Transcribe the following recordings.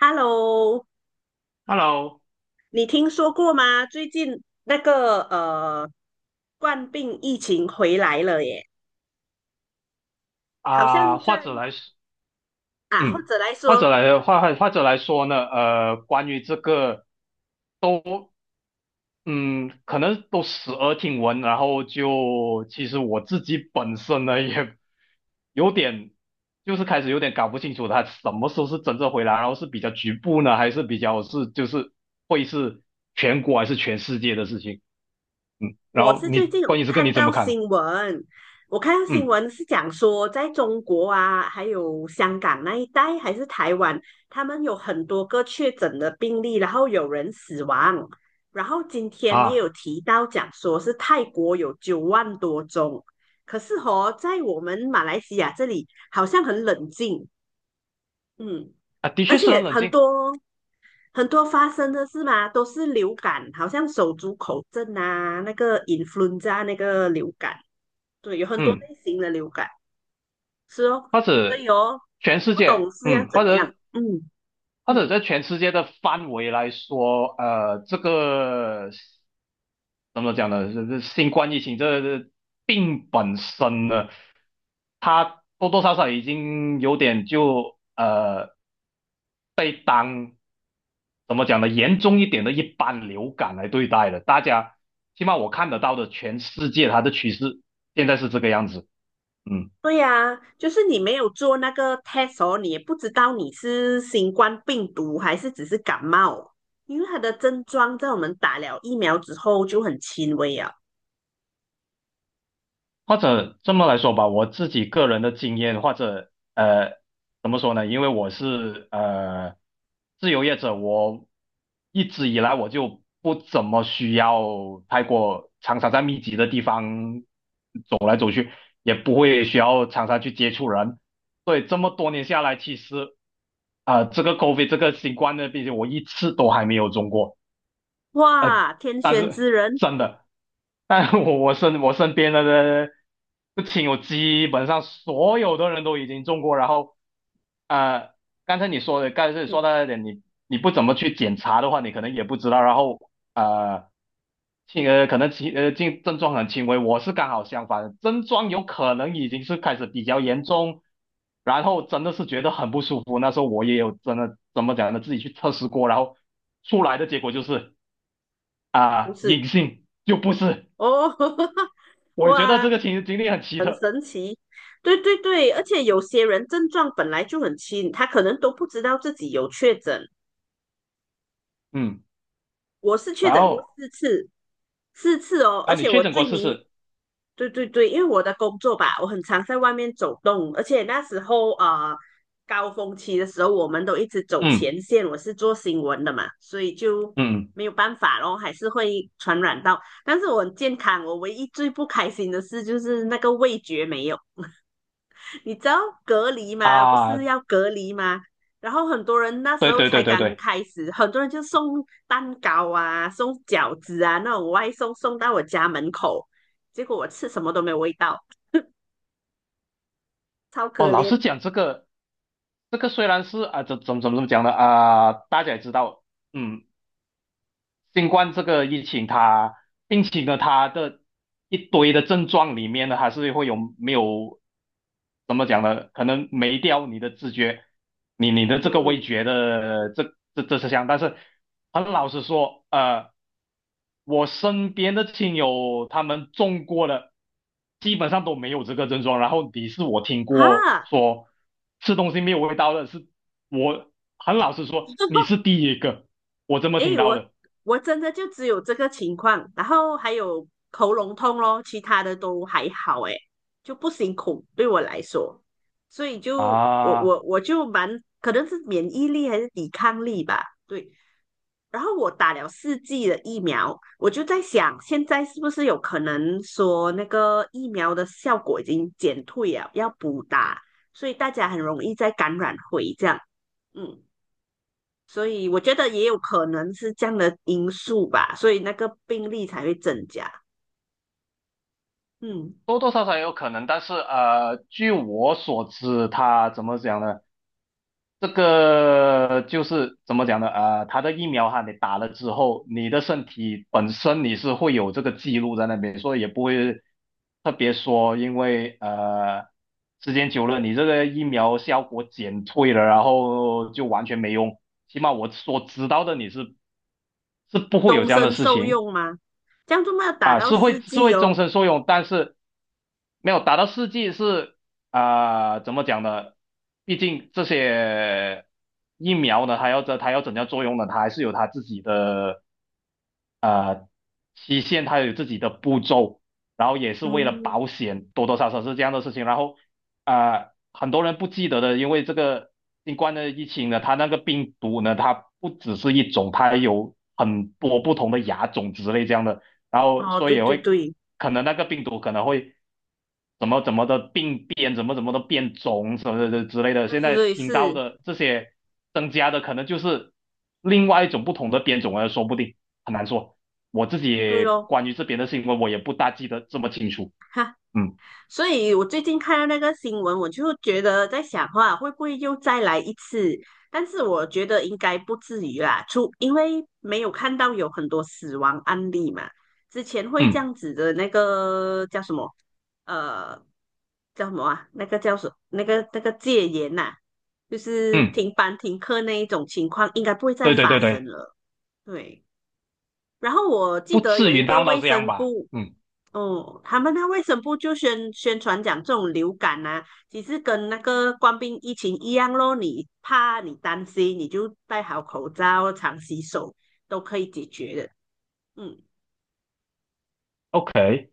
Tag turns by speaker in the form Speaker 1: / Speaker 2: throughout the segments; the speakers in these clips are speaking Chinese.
Speaker 1: Hello，
Speaker 2: Hello，
Speaker 1: 你听说过吗？最近那个冠病疫情回来了耶，好
Speaker 2: 啊、
Speaker 1: 像在
Speaker 2: 或者来说，
Speaker 1: 啊，或
Speaker 2: 嗯，
Speaker 1: 者来
Speaker 2: 或
Speaker 1: 说，
Speaker 2: 者来或或或者来说呢，关于这个都，嗯，可能都时而听闻，然后就其实我自己本身呢也有点，就是开始有点搞不清楚他什么时候是真正回来，然后是比较局部呢，还是比较是就是会是全国还是全世界的事情，嗯，然
Speaker 1: 我
Speaker 2: 后
Speaker 1: 是最
Speaker 2: 你
Speaker 1: 近有
Speaker 2: 关于这个
Speaker 1: 看
Speaker 2: 你怎
Speaker 1: 到
Speaker 2: 么看？
Speaker 1: 新闻，我看到新
Speaker 2: 嗯，
Speaker 1: 闻是讲说，在中国啊，还有香港那一带，还是台湾，他们有很多个确诊的病例，然后有人死亡。然后今天也有
Speaker 2: 啊
Speaker 1: 提到讲说是泰国有9万多宗，可是哦，在我们马来西亚这里好像很冷静，嗯，
Speaker 2: 啊，的
Speaker 1: 而
Speaker 2: 确是很
Speaker 1: 且
Speaker 2: 冷
Speaker 1: 很
Speaker 2: 静，
Speaker 1: 多很多发生的是嘛，都是流感，好像手足口症啊，那个 influenza 啊那个流感，对，有很多
Speaker 2: 嗯。
Speaker 1: 类型的流感，是哦，
Speaker 2: 或
Speaker 1: 所
Speaker 2: 者
Speaker 1: 以哦，
Speaker 2: 全世
Speaker 1: 不懂
Speaker 2: 界，
Speaker 1: 是要
Speaker 2: 嗯，
Speaker 1: 怎
Speaker 2: 或
Speaker 1: 样，
Speaker 2: 者
Speaker 1: 嗯，
Speaker 2: 或者在全世界的范围来说，这个怎么讲呢？这新冠疫情这病本身呢，它多多少少已经有点就被当怎么讲呢？严重一点的一般流感来对待了。大家起码我看得到的全世界它的趋势现在是这个样子，嗯。
Speaker 1: 对呀、就是你没有做那个 test 哦，你也不知道你是新冠病毒还是只是感冒，因为它的症状在我们打了疫苗之后就很轻微啊，
Speaker 2: 或者这么来说吧，我自己个人的经验，或者怎么说呢？因为我是自由业者，我一直以来我就不怎么需要太过常常在密集的地方走来走去，也不会需要常常去接触人，所以这么多年下来，其实啊、这个 COVID 这个新冠的病毒，我一次都还没有中过。呃，
Speaker 1: 哇，天
Speaker 2: 但
Speaker 1: 选
Speaker 2: 是
Speaker 1: 之人，
Speaker 2: 真的，但我身边的不亲友基本上所有的人都已经中过，然后呃，刚才你说的，刚才你说
Speaker 1: 嗯，
Speaker 2: 到一点，你不怎么去检查的话，你可能也不知道，然后轻呃可能轻呃症症状很轻微，我是刚好相反，症状有可能已经是开始比较严重。然后真的是觉得很不舒服。那时候我也有真的怎么讲呢，自己去测试过，然后出来的结果就是
Speaker 1: 不
Speaker 2: 啊，
Speaker 1: 是
Speaker 2: 隐性就不是。
Speaker 1: 哦，
Speaker 2: 我觉得
Speaker 1: 哇，
Speaker 2: 这个经历很奇特，
Speaker 1: 对对对，而且有些人症状本来就很轻，他可能都不知道自己有确诊。
Speaker 2: 嗯，
Speaker 1: 我是确
Speaker 2: 然
Speaker 1: 诊过
Speaker 2: 后
Speaker 1: 四次，四次哦，而
Speaker 2: 啊，你
Speaker 1: 且我
Speaker 2: 确诊过
Speaker 1: 最
Speaker 2: 试
Speaker 1: 明，
Speaker 2: 试，
Speaker 1: 对对对，因为我的工作吧，我很常在外面走动，而且那时候啊、高峰期的时候，我们都一直走
Speaker 2: 嗯
Speaker 1: 前线，我是做新闻的嘛，所以就
Speaker 2: 嗯
Speaker 1: 没有办法咯，还是会传染到。但是我很健康，我唯一最不开心的事就是那个味觉没有。你知道隔离吗？不是
Speaker 2: 啊，
Speaker 1: 要隔离吗？然后很多人那时
Speaker 2: 对
Speaker 1: 候
Speaker 2: 对
Speaker 1: 才
Speaker 2: 对对
Speaker 1: 刚
Speaker 2: 对，
Speaker 1: 开始，很多人就送蛋糕啊，送饺子啊，那种外送送到我家门口，结果我吃什么都没有味道，超
Speaker 2: 哦，
Speaker 1: 可
Speaker 2: 老实
Speaker 1: 怜。
Speaker 2: 讲，这个虽然是啊，怎么讲的啊，大家也知道，嗯，新冠这个疫情它，并且呢，它的一堆的症状里面呢，还是会有没有怎么讲呢？可能没掉你的知觉，你的这个味
Speaker 1: 嗯，
Speaker 2: 觉的这这是项，但是很老实说，我身边的亲友他们中过了，基本上都没有这个症状。然后你是我听过
Speaker 1: 哈，
Speaker 2: 说吃东西没有味道的，是我很老实说，你是 第一个我这么听
Speaker 1: 诶，
Speaker 2: 到
Speaker 1: 我
Speaker 2: 的。
Speaker 1: 我真的就只有这个情况，然后还有喉咙痛咯，其他的都还好，诶，就不辛苦对我来说，所以就我我
Speaker 2: 啊，
Speaker 1: 我就蛮可能是免疫力还是抵抗力吧，对。然后我打了4剂的疫苗，我就在想，现在是不是有可能说那个疫苗的效果已经减退了，要补打，所以大家很容易再感染回这样，嗯。所以我觉得也有可能是这样的因素吧，所以那个病例才会增加。嗯，
Speaker 2: 多多少少也有可能，但是据我所知，他怎么讲呢？这个就是怎么讲呢？他的疫苗哈，你打了之后，你的身体本身你是会有这个记录在那边，所以特别说，因为时间久了，你这个疫苗效果减退了，然后就完全没用。起码我所知道的，你是不会有
Speaker 1: 终
Speaker 2: 这样的
Speaker 1: 身
Speaker 2: 事
Speaker 1: 受
Speaker 2: 情。
Speaker 1: 用吗？这样就没有打
Speaker 2: 啊，
Speaker 1: 到
Speaker 2: 是会
Speaker 1: 四
Speaker 2: 是
Speaker 1: 季
Speaker 2: 会终
Speaker 1: 哦。
Speaker 2: 身受用，但是没有达到四 G 是啊、怎么讲呢？毕竟这些疫苗呢，它要怎样作用呢？它还是有它自己的期限它有自己的步骤，然后也是为了
Speaker 1: 嗯，
Speaker 2: 保险，多多少少是这样的事情。然后啊、很多人不记得的，因为这个新冠的疫情呢，它那个病毒呢，它不只是一种，它有很多不同的亚种之类这样的，然后
Speaker 1: 哦，
Speaker 2: 所以
Speaker 1: 对
Speaker 2: 也
Speaker 1: 对
Speaker 2: 会
Speaker 1: 对，
Speaker 2: 可能那个病毒可能会。怎么怎么的病变，怎么怎么的变种，什么的之类的。
Speaker 1: 对
Speaker 2: 现
Speaker 1: 对
Speaker 2: 在
Speaker 1: 对，
Speaker 2: 听到
Speaker 1: 是，
Speaker 2: 的这些增加的，可能就是另外一种不同的变种了，说不定很难说。我自己
Speaker 1: 对
Speaker 2: 也
Speaker 1: 咯。
Speaker 2: 关于这边的新闻，我也不大记得这么清楚。嗯
Speaker 1: 所以我最近看到那个新闻，我就觉得在想话会不会又再来一次？但是我觉得应该不至于啦，因为没有看到有很多死亡案例嘛。之前会这
Speaker 2: 嗯
Speaker 1: 样子的那个叫什么？呃，叫什么啊？那个叫什？那个戒严呐、就是
Speaker 2: 嗯，
Speaker 1: 停班停课那一种情况，应该不会再
Speaker 2: 对对
Speaker 1: 发
Speaker 2: 对
Speaker 1: 生
Speaker 2: 对，
Speaker 1: 了。对。然后我记
Speaker 2: 不
Speaker 1: 得
Speaker 2: 至
Speaker 1: 有一
Speaker 2: 于
Speaker 1: 个
Speaker 2: 闹到
Speaker 1: 卫
Speaker 2: 这样
Speaker 1: 生
Speaker 2: 吧？
Speaker 1: 部
Speaker 2: 嗯
Speaker 1: 哦，他们那卫生部就宣传讲这种流感啊，其实跟那个官兵疫情一样咯，你怕你担心，你就戴好口罩，常洗手，都可以解决的。嗯，
Speaker 2: ，OK。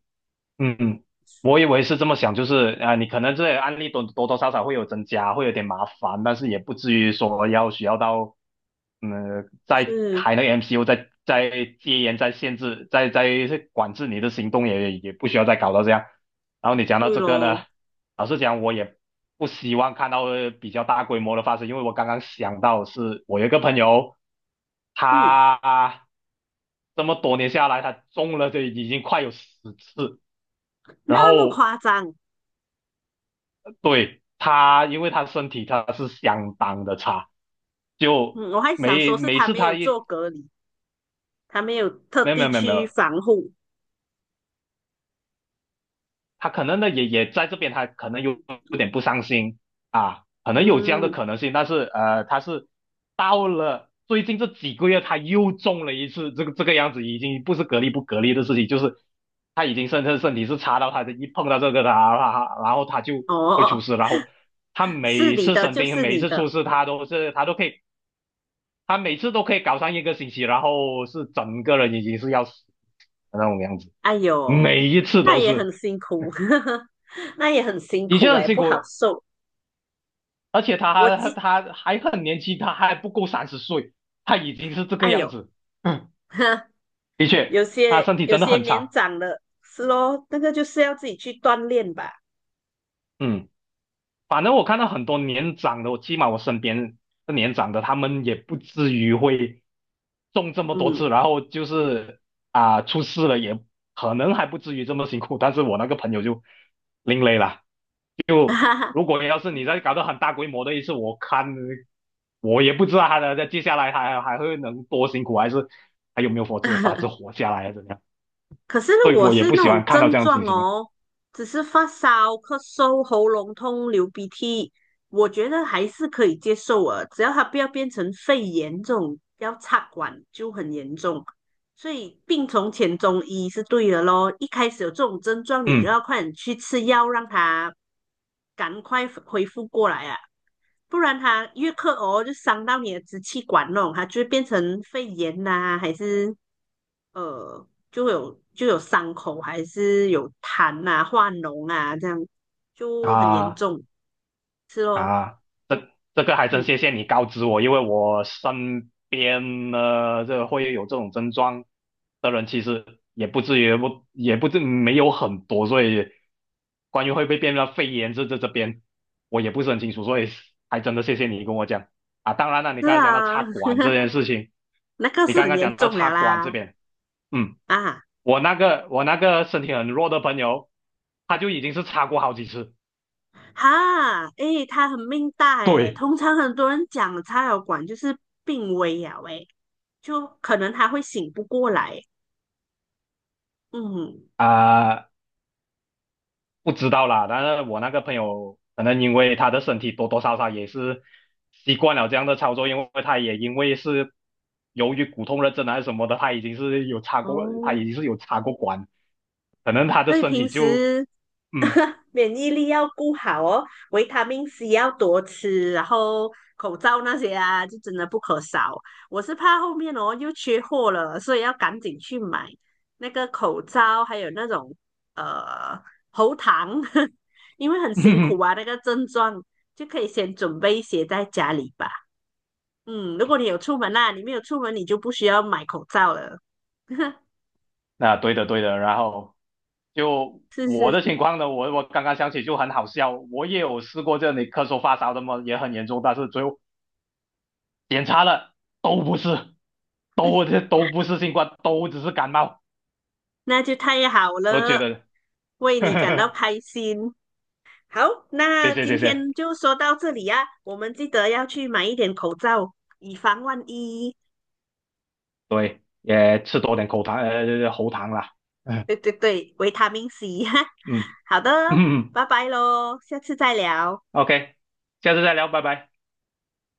Speaker 2: 嗯，我以为是这么想，就是啊、你可能这些案例多多少少会有增加，会有点麻烦，但是也不至于说要需要到，嗯，再
Speaker 1: 是，
Speaker 2: 开那个 MCU，在戒严、在限制，在管制你的行动也，也不需要再搞到这样。然后你讲到
Speaker 1: 对
Speaker 2: 这个呢，
Speaker 1: 咯，
Speaker 2: 老实讲，我也不希望看到比较大规模的发生，因为我刚刚想到是我有一个朋友，
Speaker 1: 嗯，
Speaker 2: 他这么多年下来，他中了这已经快有十次。然
Speaker 1: 那么
Speaker 2: 后
Speaker 1: 夸张，
Speaker 2: 对，他，因为他身体他是相当的差，就
Speaker 1: 嗯，我还想
Speaker 2: 每
Speaker 1: 说是
Speaker 2: 每
Speaker 1: 他
Speaker 2: 次
Speaker 1: 没有
Speaker 2: 他一
Speaker 1: 做隔离，他没有特
Speaker 2: 没有没
Speaker 1: 地
Speaker 2: 有没有没
Speaker 1: 去
Speaker 2: 有，
Speaker 1: 防护。
Speaker 2: 他可能呢也在这边，他可能有啊，可能有这样的
Speaker 1: 嗯，
Speaker 2: 可能性，但是他是到了最近这几个月，他又中了一次，这个样子已经不是隔离不隔离的事情，就是他已经身体是差到他的一碰到这个他，他然后他就会出
Speaker 1: 哦，
Speaker 2: 事，然后他每
Speaker 1: 是
Speaker 2: 一
Speaker 1: 你
Speaker 2: 次
Speaker 1: 的
Speaker 2: 生
Speaker 1: 就
Speaker 2: 病，
Speaker 1: 是
Speaker 2: 每一
Speaker 1: 你
Speaker 2: 次
Speaker 1: 的，
Speaker 2: 出事，他每次都可以搞上一个星期，然后是整个人已经是要死的那种样子，
Speaker 1: 哎呦，
Speaker 2: 每一次
Speaker 1: 那
Speaker 2: 都
Speaker 1: 也
Speaker 2: 是，
Speaker 1: 很辛苦，那也很辛
Speaker 2: 的
Speaker 1: 苦
Speaker 2: 确很
Speaker 1: 哎，
Speaker 2: 辛
Speaker 1: 不好
Speaker 2: 苦，
Speaker 1: 受。
Speaker 2: 而且他
Speaker 1: 我
Speaker 2: 还
Speaker 1: 记，
Speaker 2: 他还很年轻，他还不够30岁，他已经是这个
Speaker 1: 哎
Speaker 2: 样
Speaker 1: 呦，
Speaker 2: 子，嗯的确，
Speaker 1: 有
Speaker 2: 他
Speaker 1: 些
Speaker 2: 身体
Speaker 1: 有
Speaker 2: 真的
Speaker 1: 些
Speaker 2: 很
Speaker 1: 年
Speaker 2: 差，
Speaker 1: 长了，是咯，那个就是要自己去锻炼吧，
Speaker 2: 嗯，反正我看到很多年长的，我起码我身边的年长的，他们也不至于会中这么多次，
Speaker 1: 嗯，
Speaker 2: 然后就是啊、出事了也可能还不至于这么辛苦，但是我那个朋友就另类了。就
Speaker 1: 哈哈。
Speaker 2: 如果要是你再搞到很大规模的一次，我看我也不知道他的在接下来还会能多辛苦，还是还有没有法子活下来啊？怎么样？
Speaker 1: 可是
Speaker 2: 所
Speaker 1: 如
Speaker 2: 以
Speaker 1: 果
Speaker 2: 我也
Speaker 1: 是
Speaker 2: 不
Speaker 1: 那
Speaker 2: 喜
Speaker 1: 种
Speaker 2: 欢看到
Speaker 1: 症
Speaker 2: 这样的
Speaker 1: 状
Speaker 2: 情形。
Speaker 1: 哦，只是发烧、咳嗽、喉咙痛、流鼻涕，我觉得还是可以接受啊，只要它不要变成肺炎这种要插管就很严重。所以病从浅中医是对的咯，一开始有这种症状，你就
Speaker 2: 嗯
Speaker 1: 要快点去吃药，让它赶快恢复过来啊。不然它越咳哦，就伤到你的支气管那它就会变成肺炎呐、还是就有伤口，还是有痰啊、化脓啊，这样就很严
Speaker 2: 啊。
Speaker 1: 重，是咯，
Speaker 2: 啊，这这个还真
Speaker 1: 嗯，
Speaker 2: 谢谢你告知我，因为我身边呢，这会有这种症状的人，其实也不至于不也不至没有很多，所以关于会不会变成肺炎这边，我也不是很清楚，所以还真的谢谢你跟我讲啊。当然了，你
Speaker 1: 是
Speaker 2: 刚才讲到插
Speaker 1: 啊，
Speaker 2: 管 这件事情，
Speaker 1: 那个
Speaker 2: 你
Speaker 1: 是
Speaker 2: 刚
Speaker 1: 很
Speaker 2: 刚
Speaker 1: 严
Speaker 2: 讲到
Speaker 1: 重了
Speaker 2: 插管这
Speaker 1: 啦，
Speaker 2: 边，嗯，
Speaker 1: 啊
Speaker 2: 我那个身体很弱的朋友，他就已经是插过好几次，
Speaker 1: 哈，诶，他很命大诶，
Speaker 2: 对。
Speaker 1: 通常很多人讲插药管就是病危呀，喂，就可能他会醒不过来，嗯，
Speaker 2: 啊、不知道啦，但是我那个朋友可能因为他的身体多多少少也是习惯了这样的操作，因为他也因为是由于骨痛热症还是什么的，他已经是有插过，他
Speaker 1: 哦，
Speaker 2: 已经是有插过管，可能他的
Speaker 1: 所以
Speaker 2: 身
Speaker 1: 平
Speaker 2: 体就
Speaker 1: 时
Speaker 2: 嗯，
Speaker 1: 免疫力要顾好哦，维他命 C 要多吃，然后口罩那些啊，就真的不可少。我是怕后面哦又缺货了，所以要赶紧去买那个口罩，还有那种呃喉糖，因为很辛苦啊，那个症状就可以先准备一些在家里吧。嗯，如果你有出门啦、你没有出门，你就不需要买口罩了。
Speaker 2: 那对的对的，然后就
Speaker 1: 是
Speaker 2: 我
Speaker 1: 是
Speaker 2: 的情况呢，我刚刚想起就很好笑，我也有试过这里咳嗽发烧的嘛，也很严重，但是最后检查了都不是，都不是新冠，都只是感冒，
Speaker 1: 那就太好
Speaker 2: 我觉
Speaker 1: 了，
Speaker 2: 得。
Speaker 1: 为你感到 开心。好，
Speaker 2: 谢
Speaker 1: 那
Speaker 2: 谢
Speaker 1: 今
Speaker 2: 谢谢，
Speaker 1: 天就说到这里呀、我们记得要去买一点口罩，以防万一。
Speaker 2: 对，也吃多
Speaker 1: 嗯
Speaker 2: 点喉糖啦，嗯
Speaker 1: 对对对，维他命 C。哈。
Speaker 2: 嗯
Speaker 1: 好的，
Speaker 2: 嗯
Speaker 1: 拜拜喽，下次再聊。
Speaker 2: ，OK，下次再聊，拜拜。